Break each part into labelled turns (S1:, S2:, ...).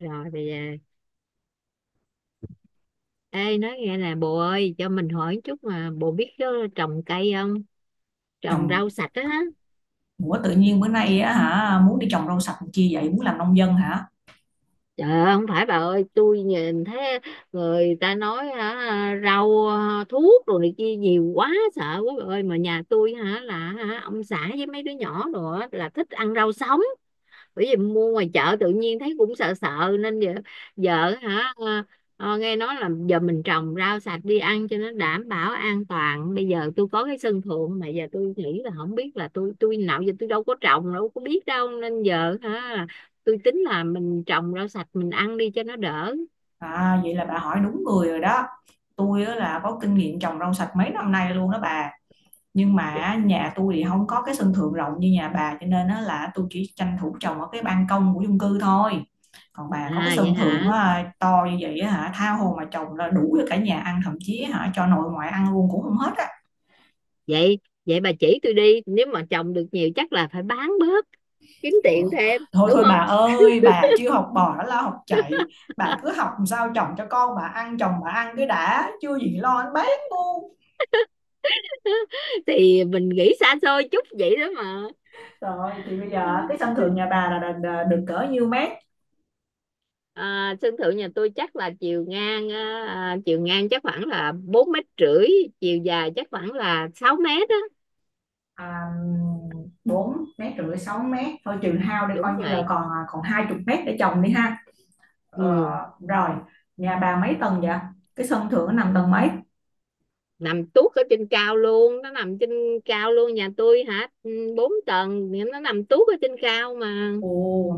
S1: Rồi bây giờ, ê nói nghe nè bồ ơi, cho mình hỏi chút mà, bồ biết đó, trồng cây không, trồng
S2: Trồng.
S1: rau sạch á hả?
S2: Ủa tự nhiên bữa nay á hả, muốn đi trồng rau sạch chi vậy, muốn làm nông dân hả?
S1: Trời ơi không phải bà ơi, tôi nhìn thấy người ta nói hả, rau à, thuốc đồ này kia nhiều quá, sợ quá bà ơi. Mà nhà tôi hả là hả, ông xã với mấy đứa nhỏ đồ á, là thích ăn rau sống. Bởi vì mua ngoài chợ tự nhiên thấy cũng sợ sợ nên giờ. Vợ hả nghe nói là giờ mình trồng rau sạch đi ăn cho nó đảm bảo an toàn. Bây giờ tôi có cái sân thượng mà giờ tôi nghĩ là không biết là tôi nào giờ tôi đâu có trồng đâu có biết đâu nên giờ hả. Tôi tính là mình trồng rau sạch mình ăn đi cho nó đỡ.
S2: À, vậy là bà hỏi đúng người rồi đó. Tôi á là có kinh nghiệm trồng rau sạch mấy năm nay luôn đó bà. Nhưng mà á, nhà tôi thì không có cái sân thượng rộng như nhà bà, cho nên á là tôi chỉ tranh thủ trồng ở cái ban công của chung cư thôi. Còn bà có cái
S1: Vậy
S2: sân thượng
S1: hả?
S2: á, to như vậy á hả, tha hồ mà trồng, là đủ cho cả nhà ăn, thậm chí hả cho nội ngoại ăn luôn cũng không hết á.
S1: Vậy vậy bà chỉ tôi đi, nếu mà trồng được nhiều chắc là phải bán bớt, kiếm
S2: Ủa,
S1: tiền thêm
S2: thôi
S1: đúng
S2: thôi bà
S1: không?
S2: ơi, bà chưa học bò đã lo học chạy. Bà cứ học làm sao chồng cho con bà ăn, chồng bà ăn cái đã, chưa gì lo anh bán luôn.
S1: Thì mình nghĩ xa xôi chút vậy đó mà.
S2: Rồi thì bây giờ cái sân thượng nhà bà là được cỡ nhiêu mét?
S1: Sân thượng nhà tôi chắc là chiều ngang chắc khoảng là 4,5 mét, chiều dài chắc khoảng là 6 mét á.
S2: À, 4 mét rưỡi 6 mét thôi, trừ hao đây coi
S1: Đúng
S2: như là
S1: rồi.
S2: còn còn hai chục mét để trồng đi ha. Ờ,
S1: Ừ.
S2: rồi, nhà bà mấy tầng vậy? Cái sân thượng nó nằm tầng mấy?
S1: Nằm tuốt ở trên cao luôn, nó nằm trên cao luôn. Nhà tôi hả 4 tầng thì nó nằm tuốt ở trên cao mà.
S2: Ồ,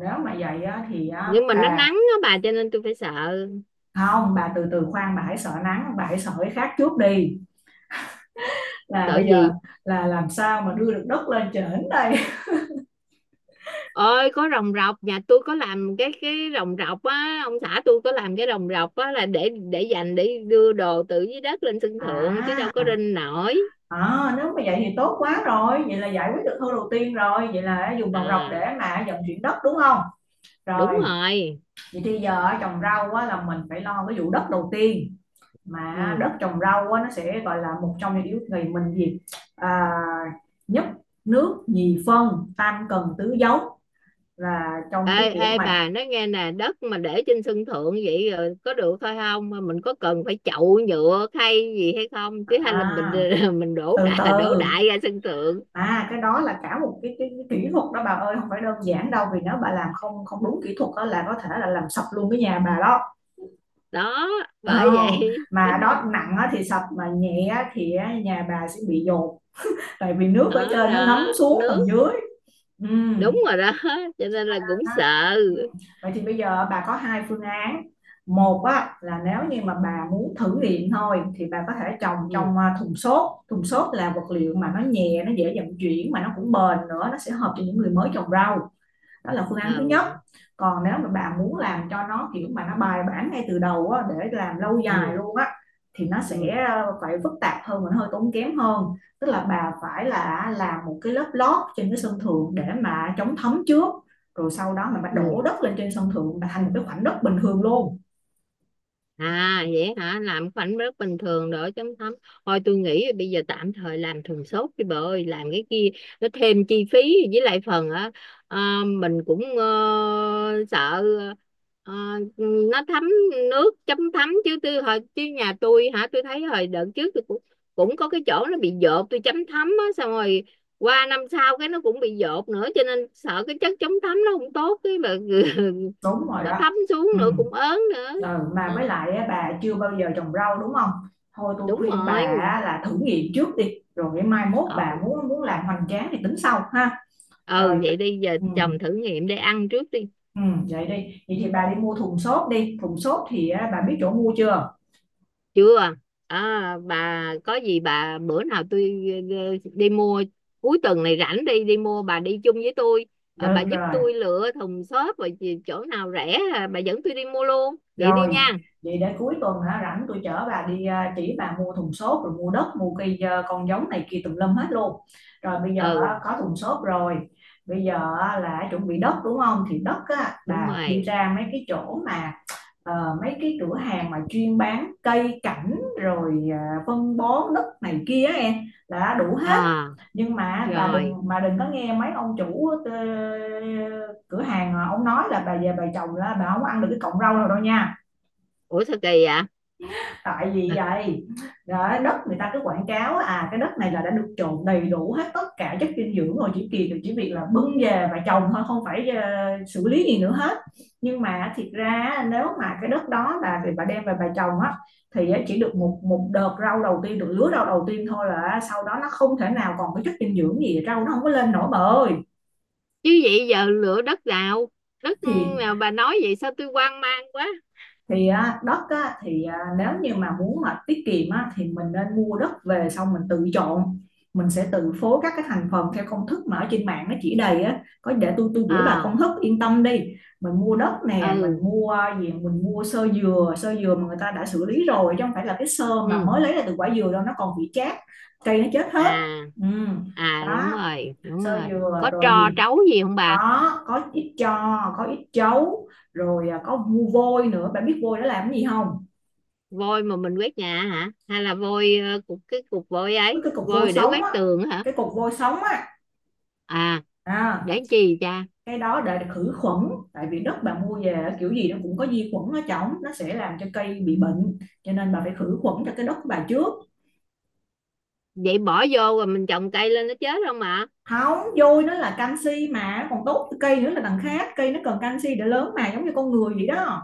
S2: nếu mà vậy á, thì á,
S1: Nhưng mà nó
S2: bà,
S1: nắng á bà, cho nên tôi phải sợ.
S2: không bà từ từ, khoan bà hãy sợ nắng, bà hãy sợ cái khác trước đi, là
S1: Sợ
S2: bây giờ
S1: gì.
S2: là làm sao mà đưa được đất lên trển đây.
S1: Ơi có rồng rọc, nhà tôi có làm cái rồng rọc á, ông xã tôi có làm cái rồng rọc á, là để dành để đưa đồ từ dưới đất lên sân thượng, chứ đâu có
S2: À,
S1: rinh nổi.
S2: à nếu mà vậy thì tốt quá rồi, vậy là giải quyết được khâu đầu tiên rồi, vậy là dùng vòng rọc
S1: À
S2: để mà vận chuyển đất đúng không? Rồi,
S1: đúng rồi.
S2: vậy thì giờ trồng rau á, là mình phải lo cái vụ đất đầu tiên. Mà đất
S1: Ừ.
S2: trồng rau á, nó sẽ gọi là một trong những yếu thì mình gì, à, nhất nước nhì phân tam cần tứ dấu, là
S1: ê
S2: trong cái kiểu
S1: ê
S2: mà,
S1: bà nói nghe nè, đất mà để trên sân thượng vậy rồi có được thôi không? Mà mình có cần phải chậu nhựa khay gì hay không, chứ hay là mình
S2: à,
S1: mình
S2: từ
S1: đổ
S2: từ.
S1: đại ra sân thượng.
S2: À cái đó là cả một cái kỹ thuật đó bà ơi, không phải đơn giản đâu, vì nếu bà làm không không đúng kỹ thuật đó, là có thể là làm sập luôn cái nhà bà đó.
S1: Đó, bởi
S2: oh,
S1: vậy
S2: mà đó nặng á thì sập, mà nhẹ á thì á, nhà bà sẽ bị dột, tại vì nước ở
S1: đó
S2: trên nó ngấm
S1: đó.
S2: xuống
S1: Nước.
S2: tầng dưới. Ừm.
S1: Đúng rồi đó, cho nên là cũng
S2: Đó.
S1: sợ.
S2: Ừ. Vậy thì bây giờ bà có hai phương án. Một á, là nếu như mà bà muốn thử nghiệm thôi thì bà có thể trồng
S1: Ừ.
S2: trong à, thùng xốp. Thùng xốp là vật liệu mà nó nhẹ, nó dễ vận chuyển mà nó cũng bền nữa, nó sẽ hợp cho những người mới trồng rau. Đó là phương án thứ nhất.
S1: Ừ.
S2: Còn nếu mà bà muốn làm cho nó kiểu mà nó bài bản ngay từ đầu á, để làm lâu dài
S1: Ừ.
S2: luôn á, thì nó
S1: Ừ.
S2: sẽ phải phức tạp hơn và hơi tốn kém hơn. Tức là bà phải là làm một cái lớp lót trên cái sân thượng để mà chống thấm trước, rồi sau đó mình bắt
S1: Ừ.
S2: đổ đất lên trên sân thượng là thành một cái khoảnh đất bình thường luôn.
S1: À vậy hả? Làm khoảnh rất bình thường đỡ chấm thấm. Thôi tôi nghĩ bây giờ tạm thời làm thùng sốt đi bà ơi. Làm cái kia nó thêm chi phí, với lại phần á mình cũng sợ ờ, nó thấm nước chấm thấm. Chứ tôi hồi chứ nhà tôi hả tôi thấy hồi đợt trước tôi cũng cũng có cái chỗ nó bị dột, tôi chấm thấm á xong rồi qua năm sau cái nó cũng bị dột nữa, cho nên sợ cái chất chống thấm nó không tốt cái mà
S2: Đúng rồi
S1: nó
S2: đó.
S1: thấm xuống
S2: Ừ.
S1: nữa cũng ớn nữa.
S2: Ừ, mà
S1: Ờ
S2: với lại á, bà chưa bao giờ trồng rau đúng không? Thôi tôi
S1: đúng
S2: khuyên bà
S1: rồi.
S2: á, là thử nghiệm trước đi rồi mai mốt bà
S1: Ờ.
S2: muốn muốn làm hoành tráng thì tính sau ha. Rồi.
S1: Ừ vậy đi, giờ
S2: Ừm,
S1: chồng thử nghiệm để ăn trước đi.
S2: vậy đi, vậy thì bà đi mua thùng xốp đi, thùng xốp thì á, bà biết chỗ mua chưa?
S1: Chưa. À, bà có gì bà, bữa nào tôi đi mua, cuối tuần này rảnh đi đi mua bà đi chung với tôi. Ờ, bà
S2: Được
S1: giúp
S2: rồi,
S1: tôi lựa thùng xốp và chỗ nào rẻ bà dẫn tôi đi mua luôn vậy đi
S2: rồi,
S1: nha.
S2: vậy để cuối tuần hả rảnh tôi chở bà đi à, chỉ bà mua thùng xốp rồi mua đất, mua cây à, con giống này kia tùm lum hết luôn. Rồi bây giờ á,
S1: Ừ
S2: có thùng xốp rồi, bây giờ á, là chuẩn bị đất đúng không? Thì đất á,
S1: đúng
S2: bà đi
S1: rồi.
S2: ra mấy cái chỗ mà, ờ, mấy cái cửa hàng mà chuyên bán cây cảnh rồi à, phân bón đất này kia á em, là đã đủ hết.
S1: À
S2: Nhưng mà bà đừng,
S1: rồi.
S2: mà đừng có nghe mấy ông chủ cửa hàng ông nói là bà về bà trồng là bà không có ăn được cái cọng rau nào đâu nha.
S1: Ủa sao kỳ vậy?
S2: Tại vì vậy đó, đất người ta cứ quảng cáo à cái đất này là đã được trộn đầy đủ hết tất cả chất dinh dưỡng rồi, chỉ kỳ được chỉ việc là bưng về và trồng thôi, không phải xử lý gì nữa hết. Nhưng mà thiệt ra nếu mà cái đất đó là bà đem về bà trồng á, thì chỉ được một một đợt rau đầu tiên, được lứa rau đầu tiên thôi, là sau đó nó không thể nào còn cái chất dinh dưỡng gì, rau nó không có lên nổi bà.
S1: Chứ vậy giờ lựa đất nào đất
S2: thì
S1: nào bà nói vậy sao tôi hoang mang quá.
S2: thì á, đất á, thì à, nếu như mà muốn mà tiết kiệm á, thì mình nên mua đất về xong mình tự chọn, mình sẽ tự phối các cái thành phần theo công thức mà ở trên mạng nó chỉ đầy á, có để tôi gửi bà
S1: À.
S2: công thức, yên tâm đi. Mình mua đất nè, mình
S1: Ừ.
S2: mua gì, mình mua sơ dừa, sơ dừa mà người ta đã xử lý rồi chứ không phải là cái sơ mà
S1: Ừ.
S2: mới lấy ra từ quả dừa đâu, nó còn bị chát, cây nó chết hết.
S1: À.
S2: Ừ.
S1: À, đúng
S2: Đó,
S1: rồi đúng
S2: sơ
S1: rồi.
S2: dừa
S1: Có
S2: rồi
S1: tro
S2: gì,
S1: trấu gì không bà?
S2: có ít cho, có ít chấu rồi à, có vu vôi nữa, bạn biết vôi nó làm cái gì không?
S1: Vôi mà mình quét nhà hả, hay là vôi cục cái cục vôi
S2: cái
S1: ấy,
S2: cái cục vôi
S1: vôi để
S2: sống
S1: quét
S2: á,
S1: tường hả?
S2: cái cục vôi sống á.
S1: À.
S2: À,
S1: Để làm chi cha?
S2: cái đó để khử khuẩn, tại vì đất bạn mua về kiểu gì nó cũng có vi khuẩn ở trong, nó sẽ làm cho cây bị bệnh, cho nên bà phải khử khuẩn cho cái đất của bà trước.
S1: Vậy bỏ vô rồi mình trồng cây lên nó chết không mà?
S2: Không, vôi nó là canxi mà còn tốt cho cây nữa là đằng khác, cây nó cần canxi để lớn mà, giống như con người vậy đó.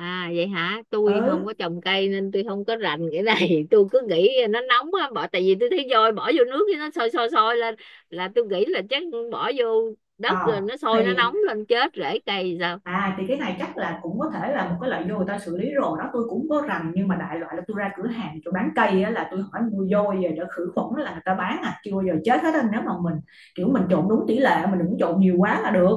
S1: À vậy hả, tôi không
S2: Ừ.
S1: có trồng cây nên tôi không có rành cái này tôi cứ nghĩ nó nóng á bỏ, tại vì tôi thấy vôi bỏ vô nước cái nó sôi sôi sôi lên, là tôi nghĩ là chắc bỏ vô đất rồi
S2: ờ
S1: nó sôi nó
S2: thì,
S1: nóng lên chết rễ cây sao.
S2: à thì cái này chắc là cũng có thể là một cái loại vô người ta xử lý rồi đó, tôi cũng có rành, nhưng mà đại loại là tôi ra cửa hàng chỗ bán cây á, là tôi hỏi mua vô về để khử khuẩn là người ta bán à, chưa bao giờ chết hết á, nếu mà mình kiểu mình trộn đúng tỷ lệ, mình đừng trộn nhiều quá là được.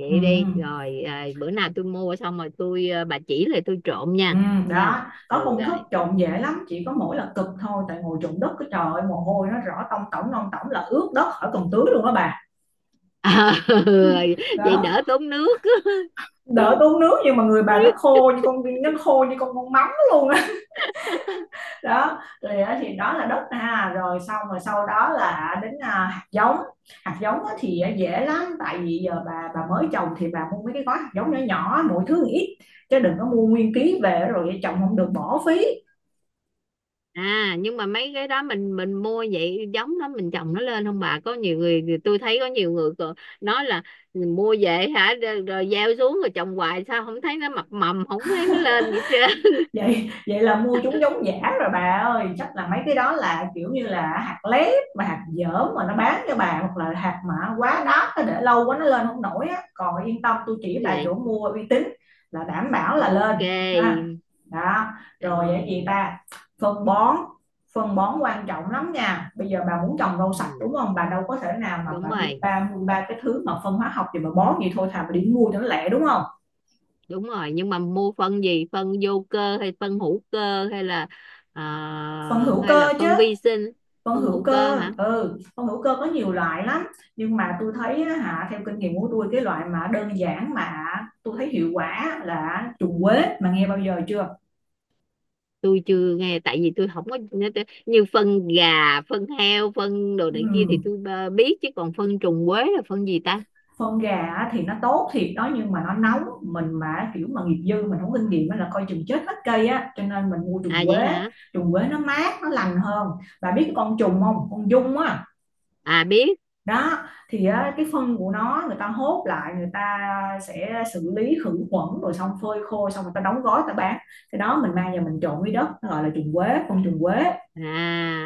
S1: Vậy đi
S2: Ừ,
S1: rồi bữa nào tôi mua xong rồi tôi bà chỉ lại tôi trộn
S2: ừ,
S1: nha. Nha.
S2: đó, có
S1: Ừ
S2: công thức
S1: rồi.
S2: trộn dễ lắm, chỉ có mỗi là cực thôi, tại ngồi trộn đất cái trời ơi, mồ hôi nó rõ tông tổng non tổng là ướt đất khỏi còn tưới luôn đó bà.
S1: Vậy
S2: Đó,
S1: đỡ tốn nước.
S2: đợi tôi nước, nhưng mà người bà nó khô như con, nó khô như con mắm luôn á. Đó rồi đó, thì đó là đất ha, rồi xong rồi sau đó là đến à, hạt giống. Hạt giống thì à, dễ lắm, tại vì giờ bà mới trồng thì bà mua mấy cái gói hạt giống nhỏ nhỏ mỗi thứ ít, chứ đừng có mua nguyên ký về rồi trồng không được bỏ phí.
S1: À nhưng mà mấy cái đó mình mua vậy giống đó mình trồng nó lên không bà? Có nhiều người tôi thấy, có nhiều người còn nói là mua về hả rồi gieo xuống rồi trồng hoài sao không thấy nó mập mầm, không thấy nó lên vậy hết trơn.
S2: Vậy, vậy là mua chúng giống giả rồi bà ơi, chắc là mấy cái đó là kiểu như là hạt lép mà hạt dởm mà nó bán cho bà, hoặc là hạt mà quá đắt nó để lâu quá nó lên không nổi á, còn yên tâm tôi chỉ bà chỗ
S1: Vậy,
S2: mua uy tín là đảm bảo là lên
S1: ok
S2: ha. Đó, rồi vậy gì
S1: rồi.
S2: ta, phân bón. Phân bón quan trọng lắm nha, bây giờ bà muốn trồng rau sạch
S1: Ừ,
S2: đúng không, bà đâu có thể nào mà
S1: đúng
S2: bà đi
S1: rồi
S2: ba mua ba cái thứ mà phân hóa học, thì bà bón gì, thôi thà bà đi mua cho nó lẹ đúng không.
S1: đúng rồi. Nhưng mà mua phân gì, phân vô cơ hay phân hữu cơ hay là à,
S2: Phân hữu
S1: hay là
S2: cơ chứ,
S1: phân vi sinh?
S2: phân
S1: Phân
S2: hữu
S1: hữu cơ
S2: cơ
S1: hả,
S2: ừ, phân hữu cơ có nhiều loại lắm. Nhưng mà tôi thấy hả, theo kinh nghiệm của tôi cái loại mà đơn giản mà tôi thấy hiệu quả là trùng quế, mà nghe bao giờ chưa?
S1: tôi chưa nghe, tại vì tôi không có, như phân gà phân heo phân đồ này kia thì
S2: Ừ,
S1: tôi biết chứ, còn phân trùng quế là phân gì ta?
S2: phân gà thì nó tốt thiệt đó, nhưng mà nó nóng, mình mà kiểu mà nghiệp dư mình không kinh nghiệm á là coi chừng chết hết cây á, cho nên mình mua trùng
S1: À vậy
S2: quế.
S1: hả.
S2: Trùng quế nó mát nó lành hơn. Bà biết cái con trùng không, con dung á?
S1: À, biết.
S2: Đó, thì cái phân của nó người ta hốt lại, người ta sẽ xử lý khử khuẩn rồi xong phơi khô xong người ta đóng gói người ta bán, cái đó mình mang về mình trộn với đất, nó gọi là trùng quế, con trùng quế.
S1: À.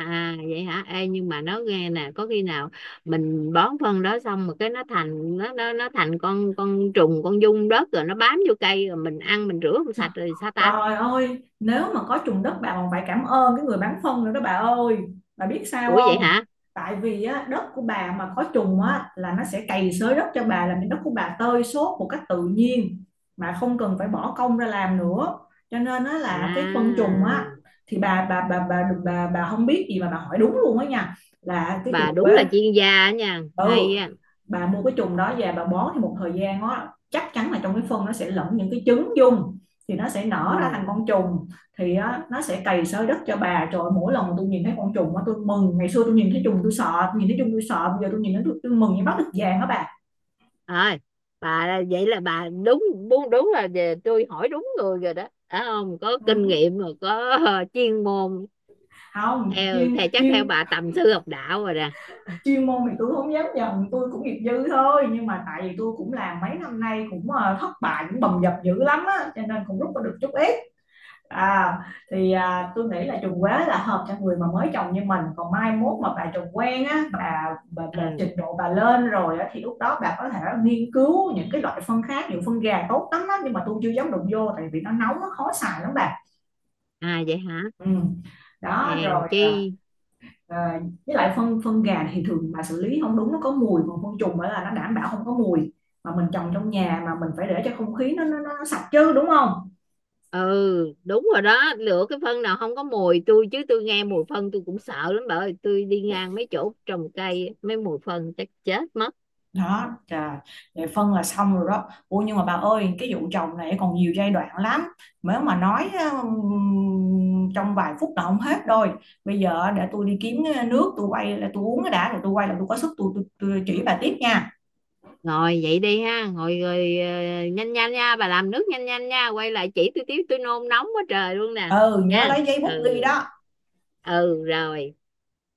S1: À vậy hả. Ê, nhưng mà nó nghe nè, có khi nào mình bón phân đó xong mà cái nó thành nó thành con trùng, con giun đất, rồi nó bám vô cây rồi mình ăn mình rửa không sạch rồi sao ta?
S2: Trời ơi, nếu mà có trùng đất bà còn phải cảm ơn cái người bán phân nữa đó bà ơi. Bà biết sao
S1: Ủa vậy
S2: không?
S1: hả?
S2: Tại vì á, đất của bà mà có trùng á, là nó sẽ cày xới đất cho bà, làm cho đất của bà tơi xốp một cách tự nhiên, mà không cần phải bỏ công ra làm nữa. Cho nên á, là cái phân trùng á,
S1: À
S2: thì bà không biết gì mà bà hỏi đúng luôn á nha, là cái trùng
S1: bà đúng
S2: quế.
S1: là chuyên gia nha,
S2: Ừ,
S1: hay á.
S2: bà mua cái chùm đó về bà bón thì một thời gian á, chắc chắn là trong cái phân nó sẽ lẫn những cái trứng dung, thì nó sẽ nở ra thành
S1: Ừ
S2: con trùng, thì nó sẽ cày xới đất cho bà. Trời, mỗi lần mà tôi nhìn thấy con trùng á tôi mừng, ngày xưa tôi nhìn thấy trùng tôi sợ, nhìn thấy trùng tôi sợ, bây giờ tôi nhìn thấy tôi mừng như bắt được vàng đó bà.
S1: rồi. Bà vậy là bà đúng đúng đúng, là về tôi hỏi đúng người rồi đó phải không, có kinh
S2: Ừ.
S1: nghiệm rồi có chuyên môn.
S2: không
S1: theo
S2: chuyên
S1: theo chắc theo
S2: chuyên
S1: bà tầm sư học đạo rồi nè.
S2: Chuyên môn thì tôi không dám nhận, tôi cũng nghiệp dư thôi, nhưng mà tại vì tôi cũng làm mấy năm nay cũng thất bại cũng bầm dập dữ lắm á cho nên cũng rút ra được chút ít. À, thì à, tôi nghĩ là trùng quế là hợp cho người mà mới chồng như mình, còn mai mốt mà bà chồng quen á, bà
S1: à,
S2: trình độ bà lên rồi á thì lúc đó bà có thể nghiên cứu những cái loại phân khác, nhiều phân gà tốt lắm đó, nhưng mà tôi chưa dám đụng vô tại vì nó nóng, nó khó xài lắm bà.
S1: À vậy hả,
S2: Ừ. Đó
S1: hèn
S2: rồi
S1: chi.
S2: à, à, với lại phân phân gà thì thường mà xử lý không đúng nó có mùi, còn phân trùng á là nó đảm bảo không có mùi, mà mình trồng trong nhà mà mình phải để cho không khí nó sạch chứ đúng không?
S1: Ừ đúng rồi đó, lựa cái phân nào không có mùi. Tôi chứ tôi nghe mùi phân tôi cũng sợ lắm bà ơi, tôi đi ngang mấy chỗ trồng cây mấy mùi phân chắc chết mất.
S2: Đó trời, vậy phân là xong rồi đó. Ủa nhưng mà bà ơi, cái vụ chồng này còn nhiều giai đoạn lắm, nếu mà nói trong vài phút là không hết rồi. Bây giờ để tôi đi kiếm cái nước tôi quay là tôi uống cái đã, rồi tôi quay là tôi có sức, tôi chỉ bà tiếp nha.
S1: Rồi vậy đi ha, ngồi rồi nhanh nhanh nha, bà làm nước nhanh nhanh nha, quay lại chỉ tôi tiếp tôi nôn nóng quá trời luôn nè.
S2: Ừ nhớ
S1: Nha.
S2: lấy giấy bút
S1: Ừ.
S2: ghi đó.
S1: Ừ rồi.